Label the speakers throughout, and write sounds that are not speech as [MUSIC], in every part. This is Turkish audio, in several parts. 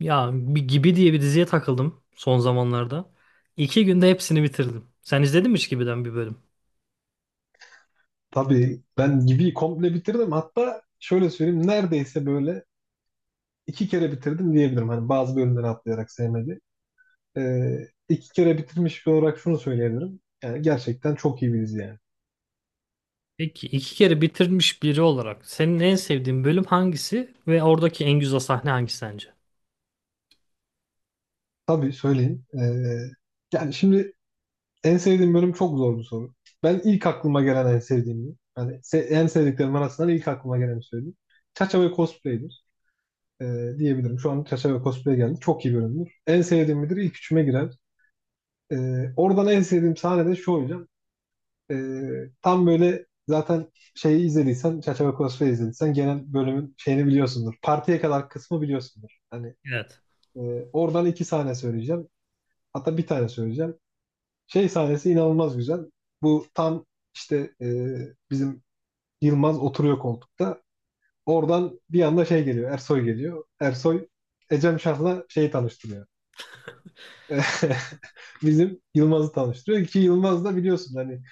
Speaker 1: Ya bir Gibi diye bir diziye takıldım son zamanlarda. 2 günde hepsini bitirdim. Sen izledin mi hiç Gibi'den bir bölüm?
Speaker 2: Tabii ben gibi komple bitirdim. Hatta şöyle söyleyeyim, neredeyse böyle iki kere bitirdim diyebilirim. Hani bazı bölümleri atlayarak sevmedi. İki kere bitirmiş bir olarak şunu söyleyebilirim. Yani gerçekten çok iyi bir dizi yani.
Speaker 1: Peki iki kere bitirmiş biri olarak senin en sevdiğin bölüm hangisi ve oradaki en güzel sahne hangisi sence?
Speaker 2: Tabii söyleyeyim. Yani şimdi en sevdiğim bölüm çok zor bir soru. Ben ilk aklıma gelen en sevdiğimi, en sevdiklerim arasından ilk aklıma geleni söyleyeyim. Çaça ve Cosplay'dir ee, diyebilirim. Şu an Çaça ve Cosplay geldi. Çok iyi bölümdür. En sevdiğim midir? İlk üçüme girer. Oradan en sevdiğim sahne de şu hocam. Tam böyle zaten şeyi izlediysen, Çerçeve Crossfire izlediysen genel bölümün şeyini biliyorsundur. Partiye kadar kısmı biliyorsundur.
Speaker 1: Evet.
Speaker 2: E, Oradan iki sahne söyleyeceğim. Hatta bir tane söyleyeceğim. Şey sahnesi inanılmaz güzel. Bu tam işte e, bizim Yılmaz oturuyor koltukta. Oradan bir anda şey geliyor, Ersoy geliyor. Ersoy Ecem Şah'la şeyi tanıştırıyor. [LAUGHS] Bizim Yılmaz'ı tanıştırıyor ki Yılmaz da biliyorsun hani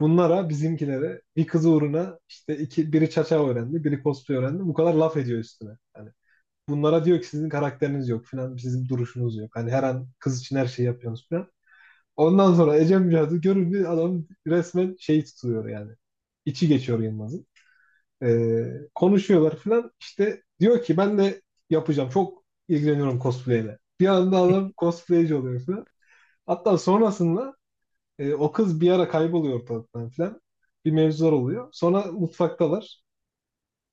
Speaker 2: bunlara bizimkilere bir kız uğruna işte iki, biri çaça öğrendi biri cosplay öğrendi bu kadar laf ediyor üstüne. Hani bunlara diyor ki sizin karakteriniz yok falan, sizin duruşunuz yok. Hani her an kız için her şeyi yapıyorsunuz falan. Ondan sonra Ecem Cadı görünce adam resmen şey tutuyor yani. İçi geçiyor Yılmaz'ın. Ee, Konuşuyorlar falan, işte diyor ki ben de yapacağım, çok ilgileniyorum cosplay ile. Bir anda adam
Speaker 1: [LAUGHS]
Speaker 2: cosplayci oluyor falan. Hatta sonrasında o kız bir ara kayboluyor ortalıktan falan. Bir mevzular oluyor. Sonra mutfaktalar.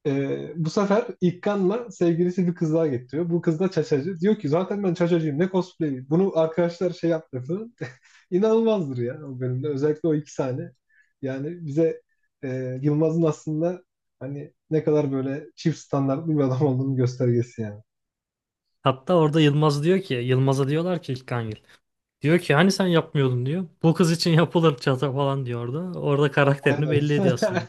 Speaker 2: E, bu sefer İkkanla sevgilisi bir kız daha getiriyor. Bu kız da çaçacı. Diyor ki zaten ben çaçacıyım, ne cosplay. Bunu arkadaşlar şey yaptı falan. [LAUGHS] İnanılmazdır ya o bölümde. Özellikle o iki sahne. Yani bize Yılmaz'ın aslında hani ne kadar böyle çift standartlı bir adam olduğunu göstergesi yani.
Speaker 1: Hatta orada Yılmaz diyor ki, Yılmaz'a diyorlar ki İlkan Yıl. Diyor ki hani sen yapmıyordun diyor. Bu kız için yapılır çata falan diyor orada. Orada karakterini
Speaker 2: Aynen.
Speaker 1: belli ediyor aslında.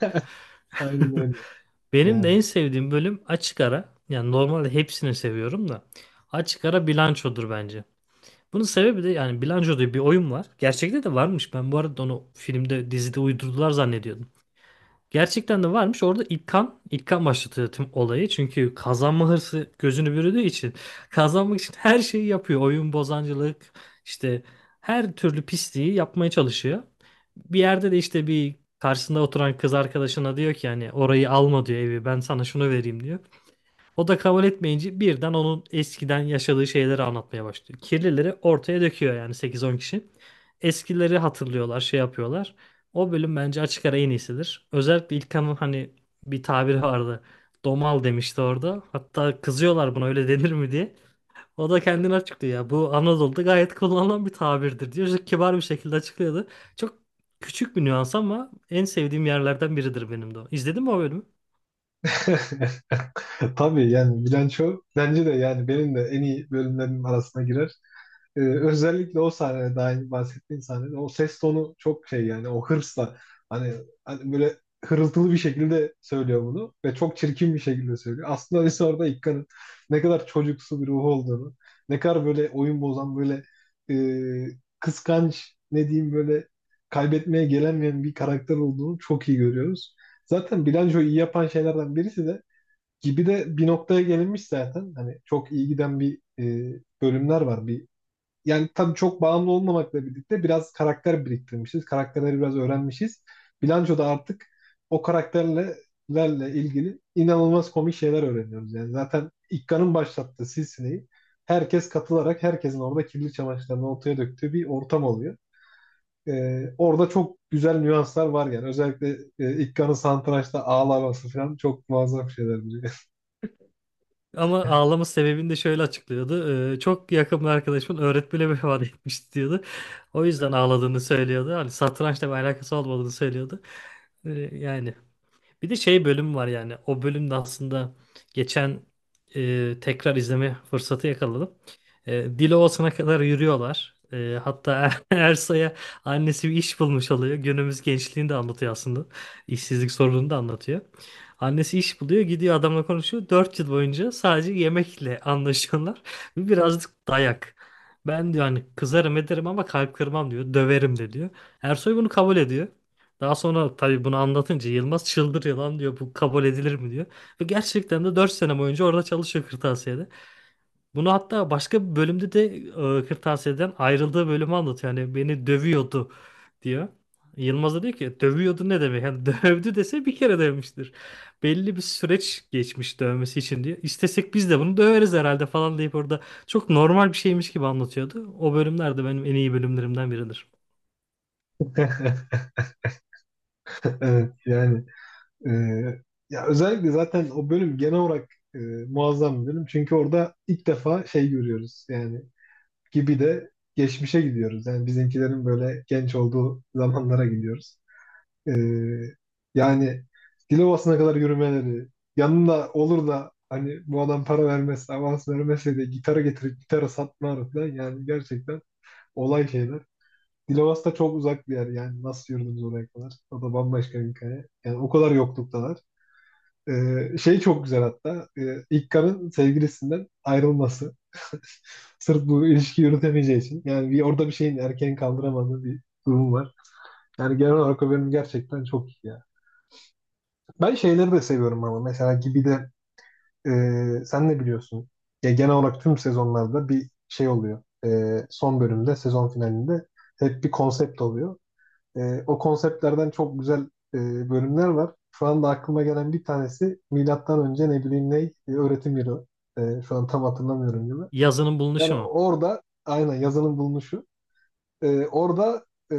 Speaker 2: [LAUGHS]
Speaker 1: [LAUGHS]
Speaker 2: Aynen öyle.
Speaker 1: Benim de
Speaker 2: Yani
Speaker 1: en sevdiğim bölüm açık ara. Yani normalde hepsini seviyorum da. Açık ara bilançodur bence. Bunun sebebi de yani Bilanço diye bir oyun var. Gerçekte de varmış. Ben bu arada onu filmde, dizide uydurdular zannediyordum. Gerçekten de varmış. Orada İlkan, İlkan başlatıyor tüm olayı. Çünkü kazanma hırsı gözünü bürüdüğü için [LAUGHS] kazanmak için her şeyi yapıyor. Oyun bozancılık, işte her türlü pisliği yapmaya çalışıyor. Bir yerde de işte bir karşısında oturan kız arkadaşına diyor ki yani orayı alma diyor evi ben sana şunu vereyim diyor. O da kabul etmeyince birden onun eskiden yaşadığı şeyleri anlatmaya başlıyor. Kirlileri ortaya döküyor yani 8-10 kişi. Eskileri hatırlıyorlar, şey yapıyorlar. O bölüm bence açık ara en iyisidir. Özellikle İlkan'ın hani bir tabiri vardı. Domal demişti orada. Hatta kızıyorlar buna öyle denir mi diye. O da kendini açıklıyor ya. Bu Anadolu'da gayet kullanılan bir tabirdir diyor. Çok kibar bir şekilde açıklıyordu. Çok küçük bir nüans ama en sevdiğim yerlerden biridir benim de o. İzledin mi o bölümü?
Speaker 2: [LAUGHS] tabii yani bilanço bence de yani benim de en iyi bölümlerim arasına girer. Özellikle o sahnede, daha önce bahsettiğim sahnede, o ses tonu çok şey yani, o hırsla hani, hani böyle hırıltılı bir şekilde söylüyor bunu ve çok çirkin bir şekilde söylüyor. Aslında biz orada İkka'nın ne kadar çocuksu bir ruhu olduğunu, ne kadar böyle oyun bozan böyle kıskanç, ne diyeyim, böyle kaybetmeye gelemeyen bir karakter olduğunu çok iyi görüyoruz. Zaten bilançoyu iyi yapan şeylerden birisi de gibi de bir noktaya gelinmiş zaten. Hani çok iyi giden bölümler var. Bir, yani tabii çok bağımlı olmamakla birlikte biraz karakter biriktirmişiz. Karakterleri biraz öğrenmişiz. Bilançoda artık o karakterlerle ilgili inanılmaz komik şeyler öğreniyoruz. Yani zaten İkka'nın başlattığı silsileyi herkes katılarak herkesin orada kirli çamaşırlarını ortaya döktüğü bir ortam oluyor. E, orada çok güzel nüanslar var yani. Özellikle İkka'nın satrançta ağlaması falan çok muazzam şeyler. Biliyor.
Speaker 1: Ama ağlama sebebini de şöyle açıklıyordu. Çok yakın bir arkadaşımın öğretmeni vefat etmiş diyordu. O yüzden ağladığını söylüyordu. Hani satrançla bir alakası olmadığını söylüyordu. Yani bir de şey bölüm var yani. O bölümde aslında geçen tekrar izleme fırsatı yakaladım. E, Dilovası'na kadar yürüyorlar. Hatta [LAUGHS] Ersa'ya annesi bir iş bulmuş oluyor. Günümüz gençliğini de anlatıyor aslında. İşsizlik sorununu da anlatıyor. Annesi iş buluyor, gidiyor adamla konuşuyor. 4 yıl boyunca sadece yemekle anlaşıyorlar. [LAUGHS] Birazcık dayak. Ben diyor hani kızarım ederim ama kalp kırmam diyor. Döverim de diyor. Ersoy bunu kabul ediyor. Daha sonra tabii bunu anlatınca Yılmaz çıldırıyor lan diyor bu kabul edilir mi diyor. Ve gerçekten de 4 sene boyunca orada çalışıyor kırtasiyede. Bunu hatta başka bir bölümde de kırtasiyeden ayrıldığı bölümü anlatıyor. Yani beni dövüyordu diyor. Yılmaz da diyor ki dövüyordu ne demek? Yani [LAUGHS] dövdü dese bir kere dövmüştür. Belli bir süreç geçmiş dövmesi için diyor. İstesek biz de bunu döveriz herhalde falan deyip orada çok normal bir şeymiş gibi anlatıyordu. O bölümler de benim en iyi bölümlerimden biridir.
Speaker 2: [LAUGHS] Evet yani e, ya özellikle zaten o bölüm genel olarak e, muazzam bir bölüm. Çünkü orada ilk defa şey görüyoruz yani gibi de geçmişe gidiyoruz. Yani bizimkilerin böyle genç olduğu zamanlara gidiyoruz. E, Yani Dilovası'na kadar yürümeleri yanında olur da hani bu adam para vermezse, avans vermezse de gitarı getirip gitarı satmaları falan, yani gerçekten olay şeyler. Dilovası da çok uzak bir yer yani, nasıl yürüdünüz oraya kadar? O da bambaşka bir hikaye. Yani o kadar yokluktalar. Şey çok güzel hatta. İlk karın sevgilisinden ayrılması. [LAUGHS] Sırf bu ilişki yürütemeyeceği için. Yani bir, orada bir şeyin, erkeğin kaldıramadığı bir durum var. Yani genel olarak o bölüm gerçekten çok iyi ya. Ben şeyleri de seviyorum ama. Mesela gibi de sen ne biliyorsun? Ya genel olarak tüm sezonlarda bir şey oluyor. E, son bölümde, sezon finalinde hep bir konsept oluyor. E, o konseptlerden çok güzel bölümler var. Şu anda aklıma gelen bir tanesi milattan önce, ne bileyim, öğretim yılı. E, şu an tam hatırlamıyorum gibi.
Speaker 1: Yazının
Speaker 2: Yani
Speaker 1: bulunuşu mu?
Speaker 2: orada aynen yazının bulunuşu. Orada e,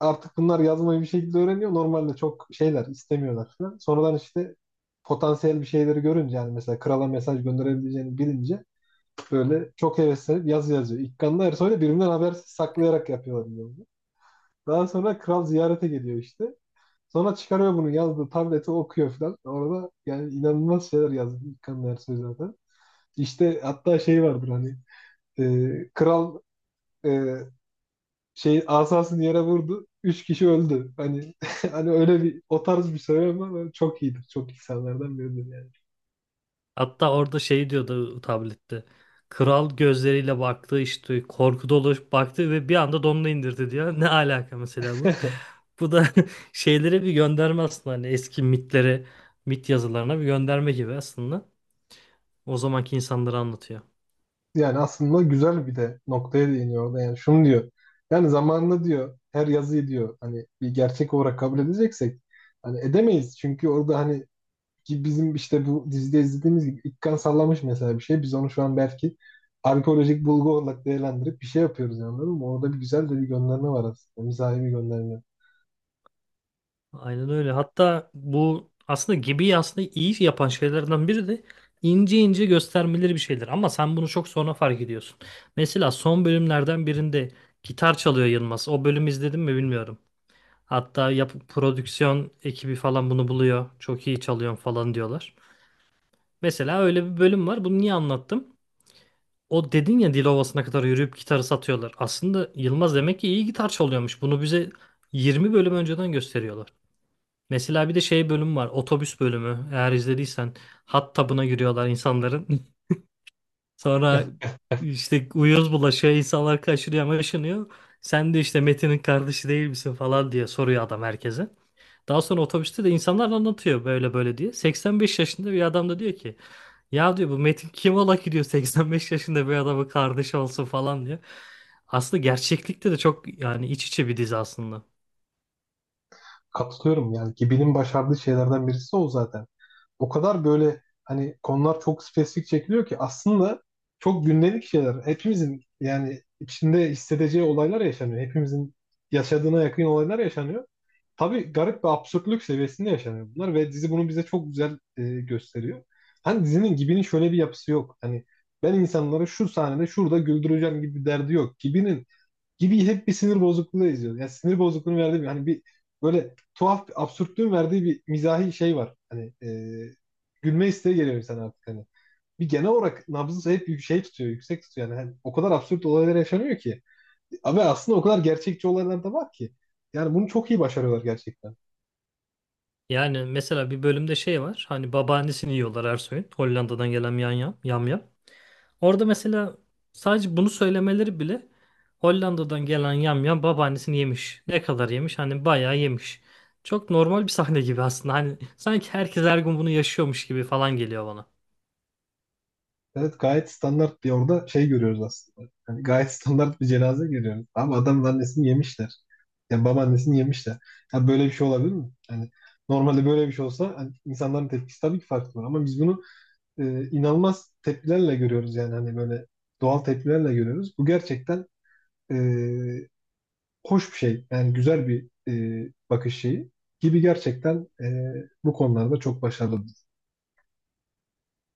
Speaker 2: artık bunlar yazmayı bir şekilde öğreniyor. Normalde çok şeyler istemiyorlar falan. Sonradan işte potansiyel bir şeyleri görünce, yani mesela krala mesaj gönderebileceğini bilince böyle çok heveslenip yazı yazıyor. İlkanlı Ersoy'la birbirinden habersiz saklayarak yapıyorlar bunu. Daha sonra kral ziyarete geliyor işte. Sonra çıkarıyor bunu, yazdığı tableti okuyor falan. Orada yani inanılmaz şeyler yazdı İlkan Ersoy zaten. İşte hatta şey vardır, hani kral e, şey asasını yere vurdu, üç kişi öldü. Hani [LAUGHS] hani öyle bir, o tarz bir söylem var. Ama çok iyidir. Çok insanlardan biridir yani.
Speaker 1: Hatta orada şey diyordu tablette. Kral gözleriyle baktı işte korku dolu baktı ve bir anda donunu indirdi diyor. Ne alaka mesela bu?
Speaker 2: [LAUGHS]
Speaker 1: Bu da [LAUGHS] şeylere bir gönderme aslında hani eski mitlere, mit yazılarına bir gönderme gibi aslında. O zamanki insanları anlatıyor.
Speaker 2: Yani aslında güzel bir de noktaya değiniyor orada. Yani şunu diyor. Yani zamanında diyor her yazıyı diyor hani bir gerçek olarak kabul edeceksek hani edemeyiz. Çünkü orada hani, ki bizim işte bu dizide izlediğimiz gibi ilk kan sallamış mesela bir şey. Biz onu şu an belki arkeolojik bulgu olarak değerlendirip bir şey yapıyoruz yani, anladın mı? Orada bir güzel de bir gönderme var aslında. Mizahi bir gönderme.
Speaker 1: Aynen öyle. Hatta bu aslında gibi aslında iyi yapan şeylerden biri de ince ince göstermeleri bir şeyler. Ama sen bunu çok sonra fark ediyorsun. Mesela son bölümlerden birinde gitar çalıyor Yılmaz. O bölümü izledin mi bilmiyorum. Hatta yap prodüksiyon ekibi falan bunu buluyor. Çok iyi çalıyorsun falan diyorlar. Mesela öyle bir bölüm var. Bunu niye anlattım? O dedin ya Dilovası'na kadar yürüyüp gitarı satıyorlar. Aslında Yılmaz demek ki iyi gitar çalıyormuş. Bunu bize 20 bölüm önceden gösteriyorlar. Mesela bir de şey bölüm var. Otobüs bölümü. Eğer izlediysen hot tub'ına giriyorlar insanların. [LAUGHS] Sonra
Speaker 2: [LAUGHS]
Speaker 1: işte uyuz bulaşıyor. İnsanlar kaçırıyor, maşınıyor. Sen de işte Metin'in kardeşi değil misin falan diye soruyor adam herkese. Daha sonra otobüste de insanlar anlatıyor böyle böyle diye. 85 yaşında bir adam da diyor ki ya diyor bu Metin kim ola ki diyor 85 yaşında bir adamın kardeşi olsun falan diyor. Aslında gerçeklikte de çok yani iç içe bir dizi aslında.
Speaker 2: Katılıyorum yani ki benim başardığı şeylerden birisi o zaten. O kadar böyle hani konular çok spesifik çekiliyor ki aslında çok gündelik şeyler. Hepimizin yani içinde hissedeceği olaylar yaşanıyor. Hepimizin yaşadığına yakın olaylar yaşanıyor. Tabii garip bir absürtlük seviyesinde yaşanıyor bunlar ve dizi bunu bize çok güzel gösteriyor. Hani dizinin Gibi'nin şöyle bir yapısı yok. Hani ben insanları şu sahnede şurada güldüreceğim gibi bir derdi yok. Gibi hep bir sinir bozukluğu izliyor. Yani sinir bozukluğunu verdiği bir, hani bir böyle tuhaf bir absürtlüğün verdiği bir mizahi şey var. Gülme isteği geliyor insana artık hani. Bir genel olarak nabzı hep şey tutuyor, yüksek tutuyor. Yani hani o kadar absürt olaylar yaşanıyor ki. Ve aslında o kadar gerçekçi olaylar da var ki. Yani bunu çok iyi başarıyorlar gerçekten.
Speaker 1: Yani mesela bir bölümde şey var. Hani babaannesini yiyorlar Ersoy'un. Hollanda'dan gelen yam yam yam yam. Orada mesela sadece bunu söylemeleri bile Hollanda'dan gelen yamyam babaannesini yemiş. Ne kadar yemiş? Hani bayağı yemiş. Çok normal bir sahne gibi aslında. Hani sanki herkes her gün bunu yaşıyormuş gibi falan geliyor bana.
Speaker 2: Evet, gayet standart bir orada şey görüyoruz aslında. Yani gayet [LAUGHS] standart bir cenaze görüyoruz. Ama adamın annesini yemişler. Yani babaannesini yemişler. Ya böyle bir şey olabilir mi? Yani normalde böyle bir şey olsa hani insanların tepkisi tabii ki farklı olur. Ama biz bunu inanılmaz tepkilerle görüyoruz yani, hani böyle doğal tepkilerle görüyoruz. Bu gerçekten e, hoş bir şey. Yani güzel bir bakış şeyi gibi gerçekten bu konularda çok başarılı.